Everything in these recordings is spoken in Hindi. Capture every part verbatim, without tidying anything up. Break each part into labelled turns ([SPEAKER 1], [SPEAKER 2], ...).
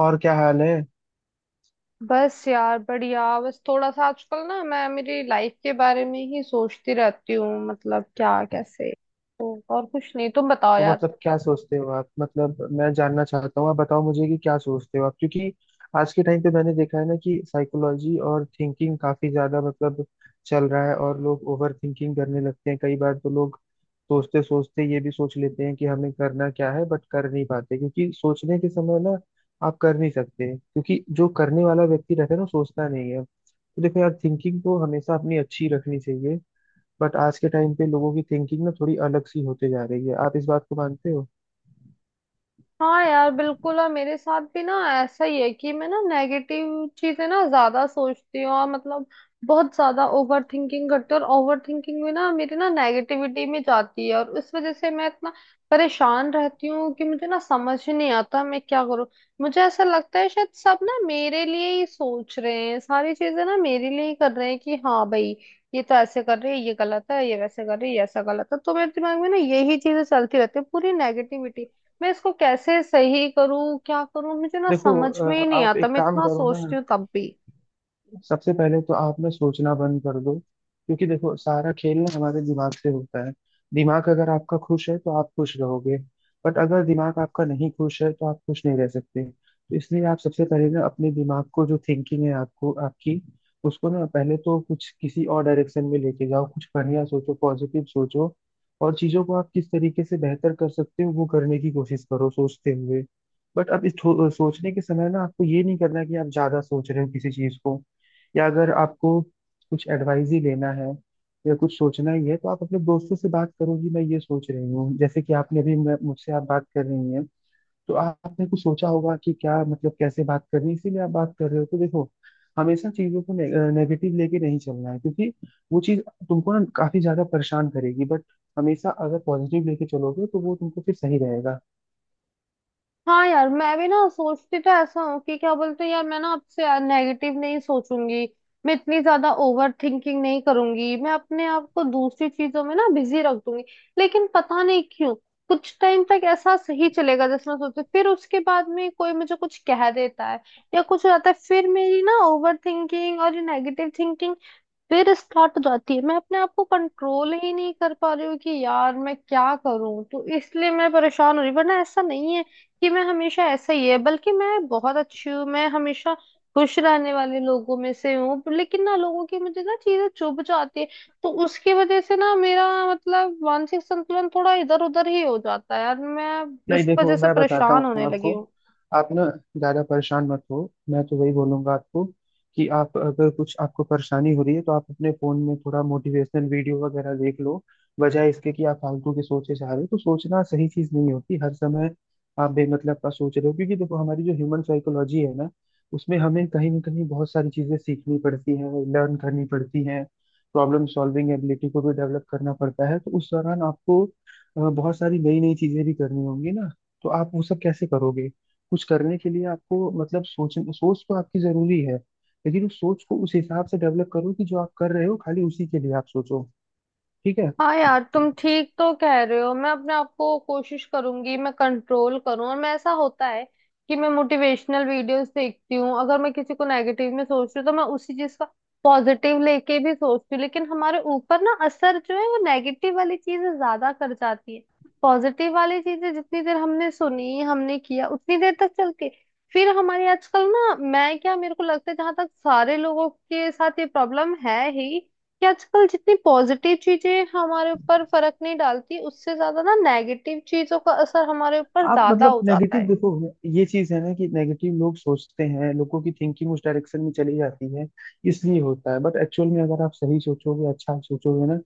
[SPEAKER 1] और क्या हाल है।
[SPEAKER 2] बस यार बढ़िया। बस थोड़ा सा आजकल ना मैं मेरी लाइफ के बारे में ही सोचती रहती हूँ, मतलब क्या कैसे। तो और कुछ नहीं, तुम बताओ
[SPEAKER 1] तो
[SPEAKER 2] यार।
[SPEAKER 1] मतलब क्या सोचते हो आप? मतलब मैं जानना चाहता हूँ, आप बताओ मुझे कि क्या सोचते हो आप, क्योंकि आज के टाइम पे मैंने देखा है ना कि साइकोलॉजी और थिंकिंग काफी ज्यादा मतलब चल रहा है। और लोग ओवर थिंकिंग करने लगते हैं, कई बार तो लोग सोचते सोचते ये भी सोच लेते हैं कि हमें करना क्या है, बट कर नहीं पाते क्योंकि सोचने के समय ना आप कर नहीं सकते, क्योंकि जो करने वाला व्यक्ति रहता है ना वो सोचता नहीं है। तो देखो यार, थिंकिंग तो हमेशा अपनी अच्छी रखनी चाहिए, बट आज के टाइम पे लोगों की थिंकिंग ना थोड़ी अलग सी होते जा रही है। आप इस बात को मानते हो?
[SPEAKER 2] हाँ यार बिल्कुल। और मेरे साथ भी ना ऐसा ही है कि मैं ना नेगेटिव चीजें ना ज्यादा सोचती हूँ, और मतलब बहुत ज्यादा ओवर थिंकिंग करती हूँ। और ओवर थिंकिंग में ना मेरी ना नेगेटिविटी में जाती है, और उस वजह से मैं इतना परेशान रहती हूँ कि मुझे ना समझ ही नहीं आता मैं क्या करूँ। मुझे ऐसा लगता है शायद सब ना मेरे लिए ही सोच रहे हैं, सारी चीजें ना मेरे लिए ही कर रहे हैं कि हाँ भाई, ये तो ऐसे कर रही है ये गलत है, ये वैसे कर रही है ये ऐसा गलत है। तो मेरे दिमाग में ना यही चीजें चलती रहती है, पूरी नेगेटिविटी। मैं इसको कैसे सही करूं, क्या करूं, मुझे ना
[SPEAKER 1] देखो
[SPEAKER 2] समझ में
[SPEAKER 1] अ,
[SPEAKER 2] ही नहीं
[SPEAKER 1] आप
[SPEAKER 2] आता।
[SPEAKER 1] एक
[SPEAKER 2] मैं
[SPEAKER 1] काम
[SPEAKER 2] इतना
[SPEAKER 1] करो ना,
[SPEAKER 2] सोचती हूँ तब भी।
[SPEAKER 1] सबसे पहले तो आप ना सोचना बंद कर दो, क्योंकि देखो सारा खेल ना हमारे दिमाग से होता है। दिमाग अगर आपका खुश है तो आप खुश रहोगे, बट अगर दिमाग आपका नहीं खुश है तो आप खुश नहीं रह सकते। तो इसलिए आप सबसे पहले ना अपने दिमाग को, जो थिंकिंग है आपको आपकी, उसको ना पहले तो कुछ किसी और डायरेक्शन में लेके जाओ, कुछ बढ़िया सोचो, पॉजिटिव सोचो। और चीजों को आप किस तरीके से बेहतर कर सकते हो, वो करने की कोशिश करो सोचते हुए। बट अब इस थो- सोचने के समय ना आपको ये नहीं करना कि आप ज्यादा सोच रहे हो किसी चीज को। या अगर आपको कुछ एडवाइस ही लेना है या कुछ सोचना ही है तो आप अपने दोस्तों से बात करोगी, मैं ये सोच रही हूँ, जैसे कि आपने अभी मैं- मुझसे आप बात कर रही हैं, तो आपने कुछ सोचा होगा कि क्या मतलब कैसे बात करनी है, इसीलिए आप बात कर रहे हो। तो देखो, हमेशा चीजों को ने, नेगेटिव लेके नहीं चलना है, क्योंकि वो चीज तुमको ना काफी ज्यादा परेशान करेगी। बट हमेशा अगर पॉजिटिव लेके चलोगे तो वो तुमको फिर सही रहेगा।
[SPEAKER 2] हाँ यार, मैं भी ना सोचती तो ऐसा हूँ कि क्या बोलते हैं यार, मैं ना आपसे यार नेगेटिव नहीं सोचूंगी, मैं इतनी ज्यादा ओवर थिंकिंग नहीं करूंगी, मैं अपने आप को दूसरी चीजों में ना बिजी रख दूंगी। लेकिन पता नहीं क्यों कुछ टाइम तक ऐसा सही चलेगा जैसे मैं सोचती हूँ। फिर उसके बाद में कोई मुझे कुछ कह देता है या कुछ हो जाता है, फिर मेरी ना ओवर थिंकिंग और ये नेगेटिव थिंकिंग फिर स्टार्ट हो जाती है। मैं अपने आप को कंट्रोल ही नहीं कर पा रही हूँ कि यार मैं क्या करूँ, तो इसलिए मैं परेशान हो रही हूँ। वरना ऐसा नहीं है कि मैं हमेशा ऐसा ही है, बल्कि मैं बहुत अच्छी हूँ, मैं हमेशा खुश रहने वाले लोगों में से हूँ। पर लेकिन ना लोगों की मुझे ना चीजें चुभ जाती है, तो उसकी वजह से ना मेरा मतलब मानसिक संतुलन थोड़ा इधर उधर ही हो जाता है यार। मैं
[SPEAKER 1] नहीं
[SPEAKER 2] इस
[SPEAKER 1] देखो,
[SPEAKER 2] वजह से
[SPEAKER 1] मैं बताता
[SPEAKER 2] परेशान
[SPEAKER 1] हूँ
[SPEAKER 2] होने लगी
[SPEAKER 1] आपको,
[SPEAKER 2] हूँ।
[SPEAKER 1] आप ना ज्यादा परेशान मत हो। मैं तो वही बोलूंगा आपको कि आप अगर, कुछ आपको परेशानी हो रही है, तो आप अपने फोन में थोड़ा मोटिवेशनल वीडियो वगैरह देख लो, बजाय इसके कि आप फालतू की सोचे जा रहे हो। तो सोचना सही चीज नहीं होती हर समय, आप बेमतलब का सोच रहे हो। क्योंकि देखो, हमारी जो ह्यूमन साइकोलॉजी है ना, उसमें हमें कहीं ना कहीं बहुत सारी चीजें सीखनी पड़ती हैं, लर्न करनी पड़ती हैं। प्रॉब्लम सॉल्विंग एबिलिटी को भी डेवलप करना पड़ता है। तो उस दौरान आपको अ, बहुत सारी नई नई चीजें भी करनी होंगी ना, तो आप वो सब कैसे करोगे? कुछ करने के लिए आपको मतलब सोच, सोच तो आपकी जरूरी है, लेकिन उस सोच को उस हिसाब से डेवलप करो कि जो आप कर रहे हो, खाली उसी के लिए आप सोचो। ठीक है।
[SPEAKER 2] हाँ यार तुम ठीक तो कह रहे हो। मैं अपने आप को कोशिश करूंगी मैं कंट्रोल करूँ। और मैं ऐसा होता है कि मैं मोटिवेशनल वीडियोस देखती हूँ। अगर मैं किसी को नेगेटिव में सोच रही हूँ तो मैं उसी चीज का पॉजिटिव लेके भी सोचती हूँ। लेकिन हमारे ऊपर ना असर जो है वो नेगेटिव वाली चीजें ज्यादा कर जाती है। पॉजिटिव वाली चीजें जितनी देर हमने सुनी हमने किया उतनी देर तक चलती है। फिर हमारी आजकल ना मैं क्या मेरे को लगता है जहां तक सारे लोगों के साथ ये प्रॉब्लम है ही कि आजकल जितनी पॉजिटिव चीजें हमारे ऊपर फर्क नहीं डालती, उससे ज्यादा ना नेगेटिव चीजों का असर हमारे ऊपर
[SPEAKER 1] आप
[SPEAKER 2] ज्यादा
[SPEAKER 1] मतलब
[SPEAKER 2] हो जाता
[SPEAKER 1] नेगेटिव,
[SPEAKER 2] है।
[SPEAKER 1] देखो ये चीज है ना कि नेगेटिव लोग सोचते हैं, लोगों की थिंकिंग उस डायरेक्शन में चली जाती है, इसलिए होता है। बट एक्चुअल में अगर आप सही सोचोगे, अच्छा सोचोगे ना,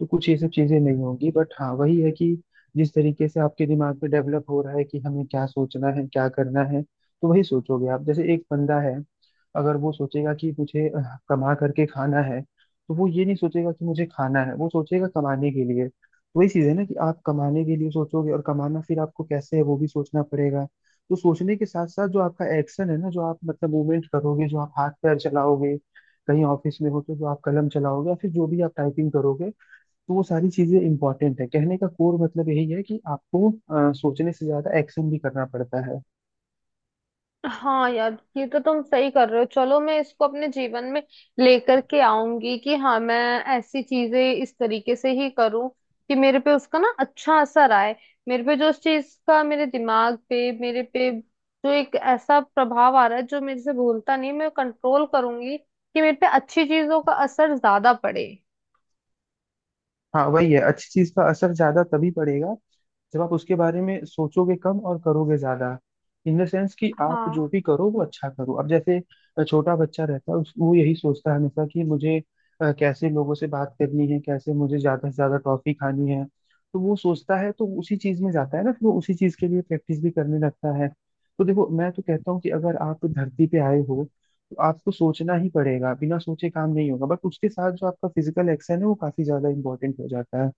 [SPEAKER 1] तो कुछ ये सब चीजें नहीं होंगी। बट हाँ, वही है कि जिस तरीके से आपके दिमाग में डेवलप हो रहा है कि हमें क्या सोचना है क्या करना है, तो वही सोचोगे आप। जैसे एक बंदा है, अगर वो सोचेगा कि मुझे अह, कमा करके खाना है, तो वो ये नहीं सोचेगा कि मुझे खाना है, वो सोचेगा कमाने के लिए। वही चीज है ना कि आप कमाने के लिए सोचोगे, और कमाना फिर आपको कैसे है वो भी सोचना पड़ेगा। तो सोचने के साथ साथ जो आपका एक्शन है ना, जो आप मतलब मूवमेंट करोगे, जो आप हाथ पैर चलाओगे, कहीं ऑफिस में हो तो जो आप कलम चलाओगे या फिर जो भी आप टाइपिंग करोगे, तो वो सारी चीजें इंपॉर्टेंट है। कहने का कोर मतलब यही है कि आपको अ, सोचने से ज्यादा एक्शन भी करना पड़ता है।
[SPEAKER 2] हाँ यार ये तो तुम सही कर रहे हो। चलो, मैं इसको अपने जीवन में लेकर के आऊंगी कि हाँ मैं ऐसी चीजें इस तरीके से ही करूं कि मेरे पे उसका ना अच्छा असर आए। मेरे पे जो उस चीज का, मेरे दिमाग पे मेरे पे जो एक ऐसा प्रभाव आ रहा है जो मेरे से भूलता नहीं, मैं कंट्रोल करूंगी कि मेरे पे अच्छी चीजों का असर ज्यादा पड़े।
[SPEAKER 1] हाँ वही है, अच्छी चीज का असर ज्यादा तभी पड़ेगा जब आप उसके बारे में सोचोगे कम और करोगे ज्यादा। इन द सेंस कि आप
[SPEAKER 2] हाँ।
[SPEAKER 1] जो भी करो वो अच्छा करो। अब जैसे अ, छोटा बच्चा रहता है, उस- वो यही सोचता है हमेशा कि मुझे अ, कैसे लोगों से बात करनी है, कैसे मुझे ज्यादा से ज्यादा टॉफी खानी है। तो वो सोचता है तो उसी चीज में जाता है ना, फिर वो उसी चीज के लिए प्रैक्टिस भी करने लगता है। तो देखो, मैं तो कहता हूँ कि अगर आप धरती पे आए हो तो आपको सोचना ही पड़ेगा, बिना सोचे काम नहीं होगा। बट उसके साथ जो आपका फिजिकल एक्शन है वो काफी ज्यादा इंपॉर्टेंट हो जाता है।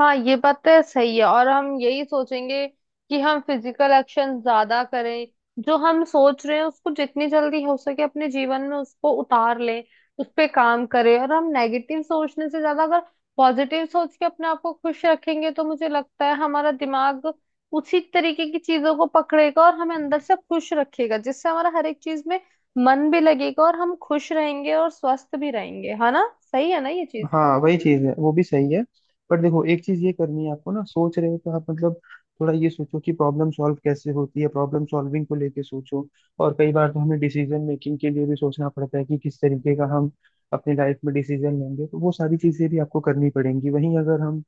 [SPEAKER 2] हाँ ये बात तो सही है। और हम यही सोचेंगे कि हम फिजिकल एक्शन ज्यादा करें, जो हम सोच रहे हैं उसको जितनी जल्दी हो सके अपने जीवन में उसको उतार लें, उस पे काम करें। और हम नेगेटिव सोचने से ज्यादा अगर पॉजिटिव सोच के अपने आप को खुश रखेंगे तो मुझे लगता है हमारा दिमाग उसी तरीके की चीजों को पकड़ेगा और हमें अंदर से खुश रखेगा, जिससे हमारा हर एक चीज में मन भी लगेगा और हम खुश रहेंगे और स्वस्थ भी रहेंगे। है ना, सही है ना ये चीज?
[SPEAKER 1] हाँ वही चीज है, वो भी सही है। पर देखो, एक चीज ये करनी है आपको, ना सोच रहे हो तो आप मतलब थोड़ा ये सोचो कि प्रॉब्लम सॉल्व कैसे होती है, प्रॉब्लम सॉल्विंग को लेके सोचो। और कई बार तो हमें डिसीजन मेकिंग के लिए भी सोचना पड़ता है कि किस तरीके का हम अपनी लाइफ में डिसीजन लेंगे, तो वो सारी चीजें भी आपको करनी पड़ेंगी। वहीं अगर हम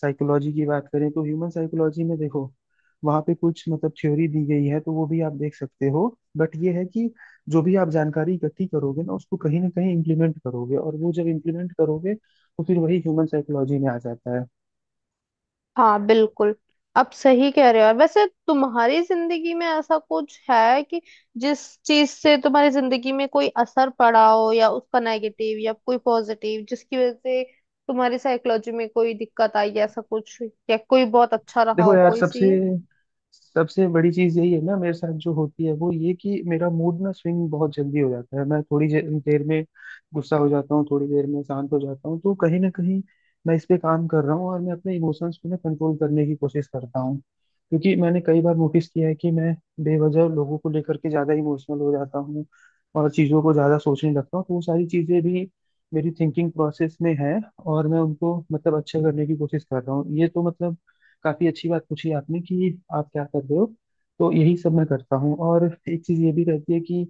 [SPEAKER 1] साइकोलॉजी की बात करें तो ह्यूमन साइकोलॉजी में देखो, वहां पे कुछ मतलब थ्योरी दी गई है, तो वो भी आप देख सकते हो। बट ये है कि जो भी आप जानकारी इकट्ठी करोगे ना, उसको कहीं ना कहीं इम्प्लीमेंट करोगे, और वो जब इम्प्लीमेंट करोगे तो फिर वही ह्यूमन साइकोलॉजी में आ जाता है।
[SPEAKER 2] हाँ बिल्कुल। आप सही कह रहे हो यार। वैसे तुम्हारी जिंदगी में ऐसा कुछ है कि जिस चीज से तुम्हारी जिंदगी में कोई असर पड़ा हो, या उसका नेगेटिव या कोई पॉजिटिव जिसकी वजह से तुम्हारी साइकोलॉजी में कोई दिक्कत आई, ऐसा कुछ या कोई बहुत अच्छा रहा
[SPEAKER 1] देखो
[SPEAKER 2] हो
[SPEAKER 1] यार,
[SPEAKER 2] कोई
[SPEAKER 1] सबसे
[SPEAKER 2] सी?
[SPEAKER 1] सबसे बड़ी चीज यही है ना, मेरे साथ जो होती है वो ये कि मेरा मूड ना स्विंग बहुत जल्दी हो जाता है। मैं थोड़ी जे- देर में गुस्सा हो जाता हूँ, थोड़ी देर में शांत हो जाता हूँ। तो कहीं ना कहीं मैं इस पे काम कर रहा हूँ, और मैं अपने इमोशंस को ना कंट्रोल करने की कोशिश करता हूँ, क्योंकि मैंने कई बार नोटिस किया है कि मैं बेवजह लोगों को लेकर के ज्यादा इमोशनल हो जाता हूँ, और चीजों को ज्यादा सोचने लगता हूँ। तो वो सारी चीजें भी मेरी थिंकिंग प्रोसेस में है, और मैं उनको मतलब अच्छा करने की कोशिश कर रहा हूँ। ये तो मतलब काफी अच्छी बात पूछी आपने कि आप क्या कर रहे हो, तो यही सब मैं करता हूँ। और एक चीज ये भी रहती है कि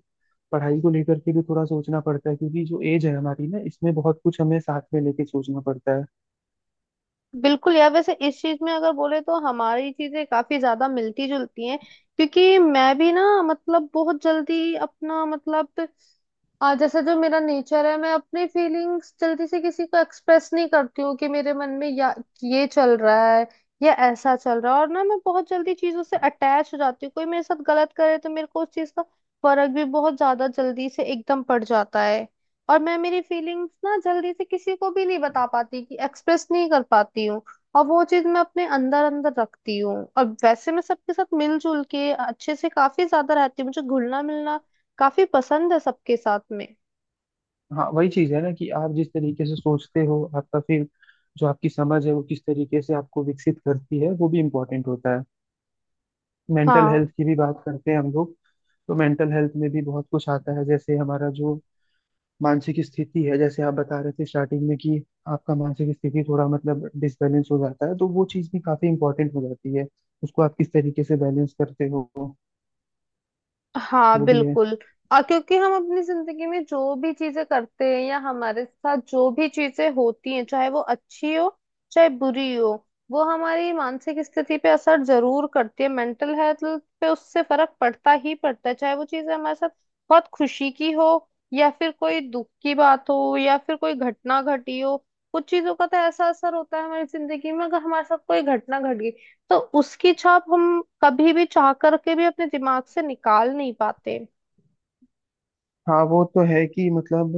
[SPEAKER 1] पढ़ाई को लेकर के भी थोड़ा सोचना पड़ता है, क्योंकि जो एज है हमारी ना, इसमें बहुत कुछ हमें साथ में लेके सोचना पड़ता है।
[SPEAKER 2] बिल्कुल यार। वैसे इस चीज में अगर बोले तो हमारी चीजें काफी ज्यादा मिलती जुलती हैं। क्योंकि मैं भी ना मतलब बहुत जल्दी अपना मतलब आ, जैसा जो मेरा नेचर है, मैं अपनी फीलिंग्स जल्दी से किसी को एक्सप्रेस नहीं करती हूँ कि मेरे मन में या ये चल रहा है या ऐसा चल रहा है। और ना मैं बहुत जल्दी चीजों से अटैच हो जाती हूँ, कोई मेरे साथ गलत करे तो मेरे को उस चीज का फर्क भी बहुत ज्यादा जल्दी से एकदम पड़ जाता है। और मैं मेरी फीलिंग्स ना जल्दी से किसी को भी नहीं बता पाती कि एक्सप्रेस नहीं कर पाती हूँ, और वो चीज मैं अपने अंदर अंदर रखती हूँ। और वैसे मैं सबके साथ मिलजुल के अच्छे से काफी ज्यादा रहती हूँ, मुझे घुलना मिलना काफी पसंद है सबके साथ में।
[SPEAKER 1] हाँ वही चीज है ना कि आप जिस तरीके से सोचते हो, आपका फिर जो आपकी समझ है वो किस तरीके से आपको विकसित करती है, वो भी इम्पोर्टेंट होता है। मेंटल
[SPEAKER 2] हाँ।
[SPEAKER 1] हेल्थ की भी बात करते हैं हम लोग, तो मेंटल हेल्थ में भी बहुत कुछ आता है। जैसे हमारा जो मानसिक स्थिति है, जैसे आप बता रहे थे स्टार्टिंग में कि आपका मानसिक स्थिति थोड़ा मतलब डिसबैलेंस हो जाता है, तो वो चीज़ भी काफी इंपॉर्टेंट हो जाती है। उसको आप किस तरीके से बैलेंस करते हो,
[SPEAKER 2] हाँ
[SPEAKER 1] वो भी है।
[SPEAKER 2] बिल्कुल। और क्योंकि हम अपनी जिंदगी में जो भी चीजें करते हैं या हमारे साथ जो भी चीजें होती हैं, चाहे वो अच्छी हो चाहे बुरी हो, वो हमारी मानसिक स्थिति पे असर जरूर करती है। मेंटल हेल्थ पे उससे फर्क पड़ता ही पड़ता है, चाहे वो चीजें हमारे साथ बहुत खुशी की हो या फिर कोई दुख की बात हो या फिर कोई घटना घटी हो। कुछ चीजों का तो ऐसा असर होता है हमारी जिंदगी में, अगर हमारे साथ कोई घटना घट गई तो उसकी छाप हम कभी भी चाह करके भी अपने दिमाग से निकाल नहीं पाते।
[SPEAKER 1] हाँ वो तो है कि, मतलब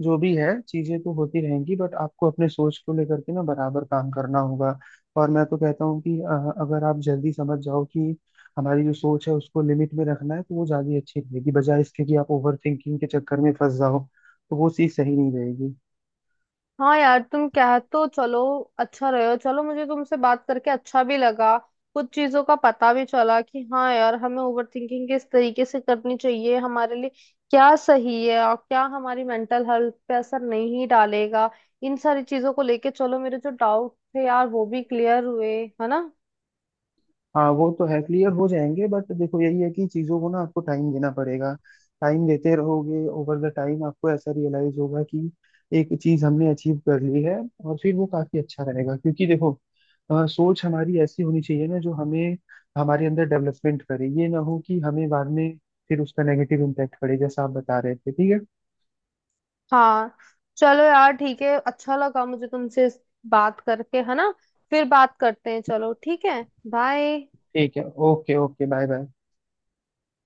[SPEAKER 1] जो भी है चीजें तो होती रहेंगी, बट आपको अपने सोच को लेकर के ना बराबर काम करना होगा। और मैं तो कहता हूँ कि अ, अगर आप जल्दी समझ जाओ कि हमारी जो सोच है उसको लिमिट में रखना है, तो वो ज्यादा अच्छी रहेगी, बजाय इसके कि आप ओवर थिंकिंग के चक्कर में फंस जाओ, तो वो चीज़ सही नहीं रहेगी।
[SPEAKER 2] हाँ यार तुम कह तो चलो अच्छा रहे हो। चलो, मुझे तुमसे बात करके अच्छा भी लगा। कुछ चीजों का पता भी चला कि हाँ यार हमें ओवर थिंकिंग किस तरीके से करनी चाहिए, हमारे लिए क्या सही है और क्या हमारी मेंटल हेल्थ पे असर नहीं डालेगा। इन सारी चीजों को लेके, चलो मेरे जो डाउट थे यार वो भी क्लियर हुए, है ना?
[SPEAKER 1] हाँ वो तो है, क्लियर हो जाएंगे। बट देखो, यही है कि चीज़ों को ना आपको टाइम देना पड़ेगा, टाइम देते रहोगे, ओवर द टाइम आपको ऐसा रियलाइज होगा कि एक चीज़ हमने अचीव कर ली है, और फिर वो काफ़ी अच्छा रहेगा। क्योंकि देखो अ, सोच हमारी ऐसी होनी चाहिए ना जो हमें हमारे अंदर डेवलपमेंट करे, ये ना हो कि हमें बाद में फिर उसका नेगेटिव इम्पैक्ट पड़े, जैसा आप बता रहे थे। ठीक है।
[SPEAKER 2] हाँ। चलो यार ठीक है, अच्छा लगा मुझे तुमसे इस बात करके, है ना? फिर बात करते हैं, चलो ठीक है। बाय।
[SPEAKER 1] ठीक है, ओके ओके, बाय बाय।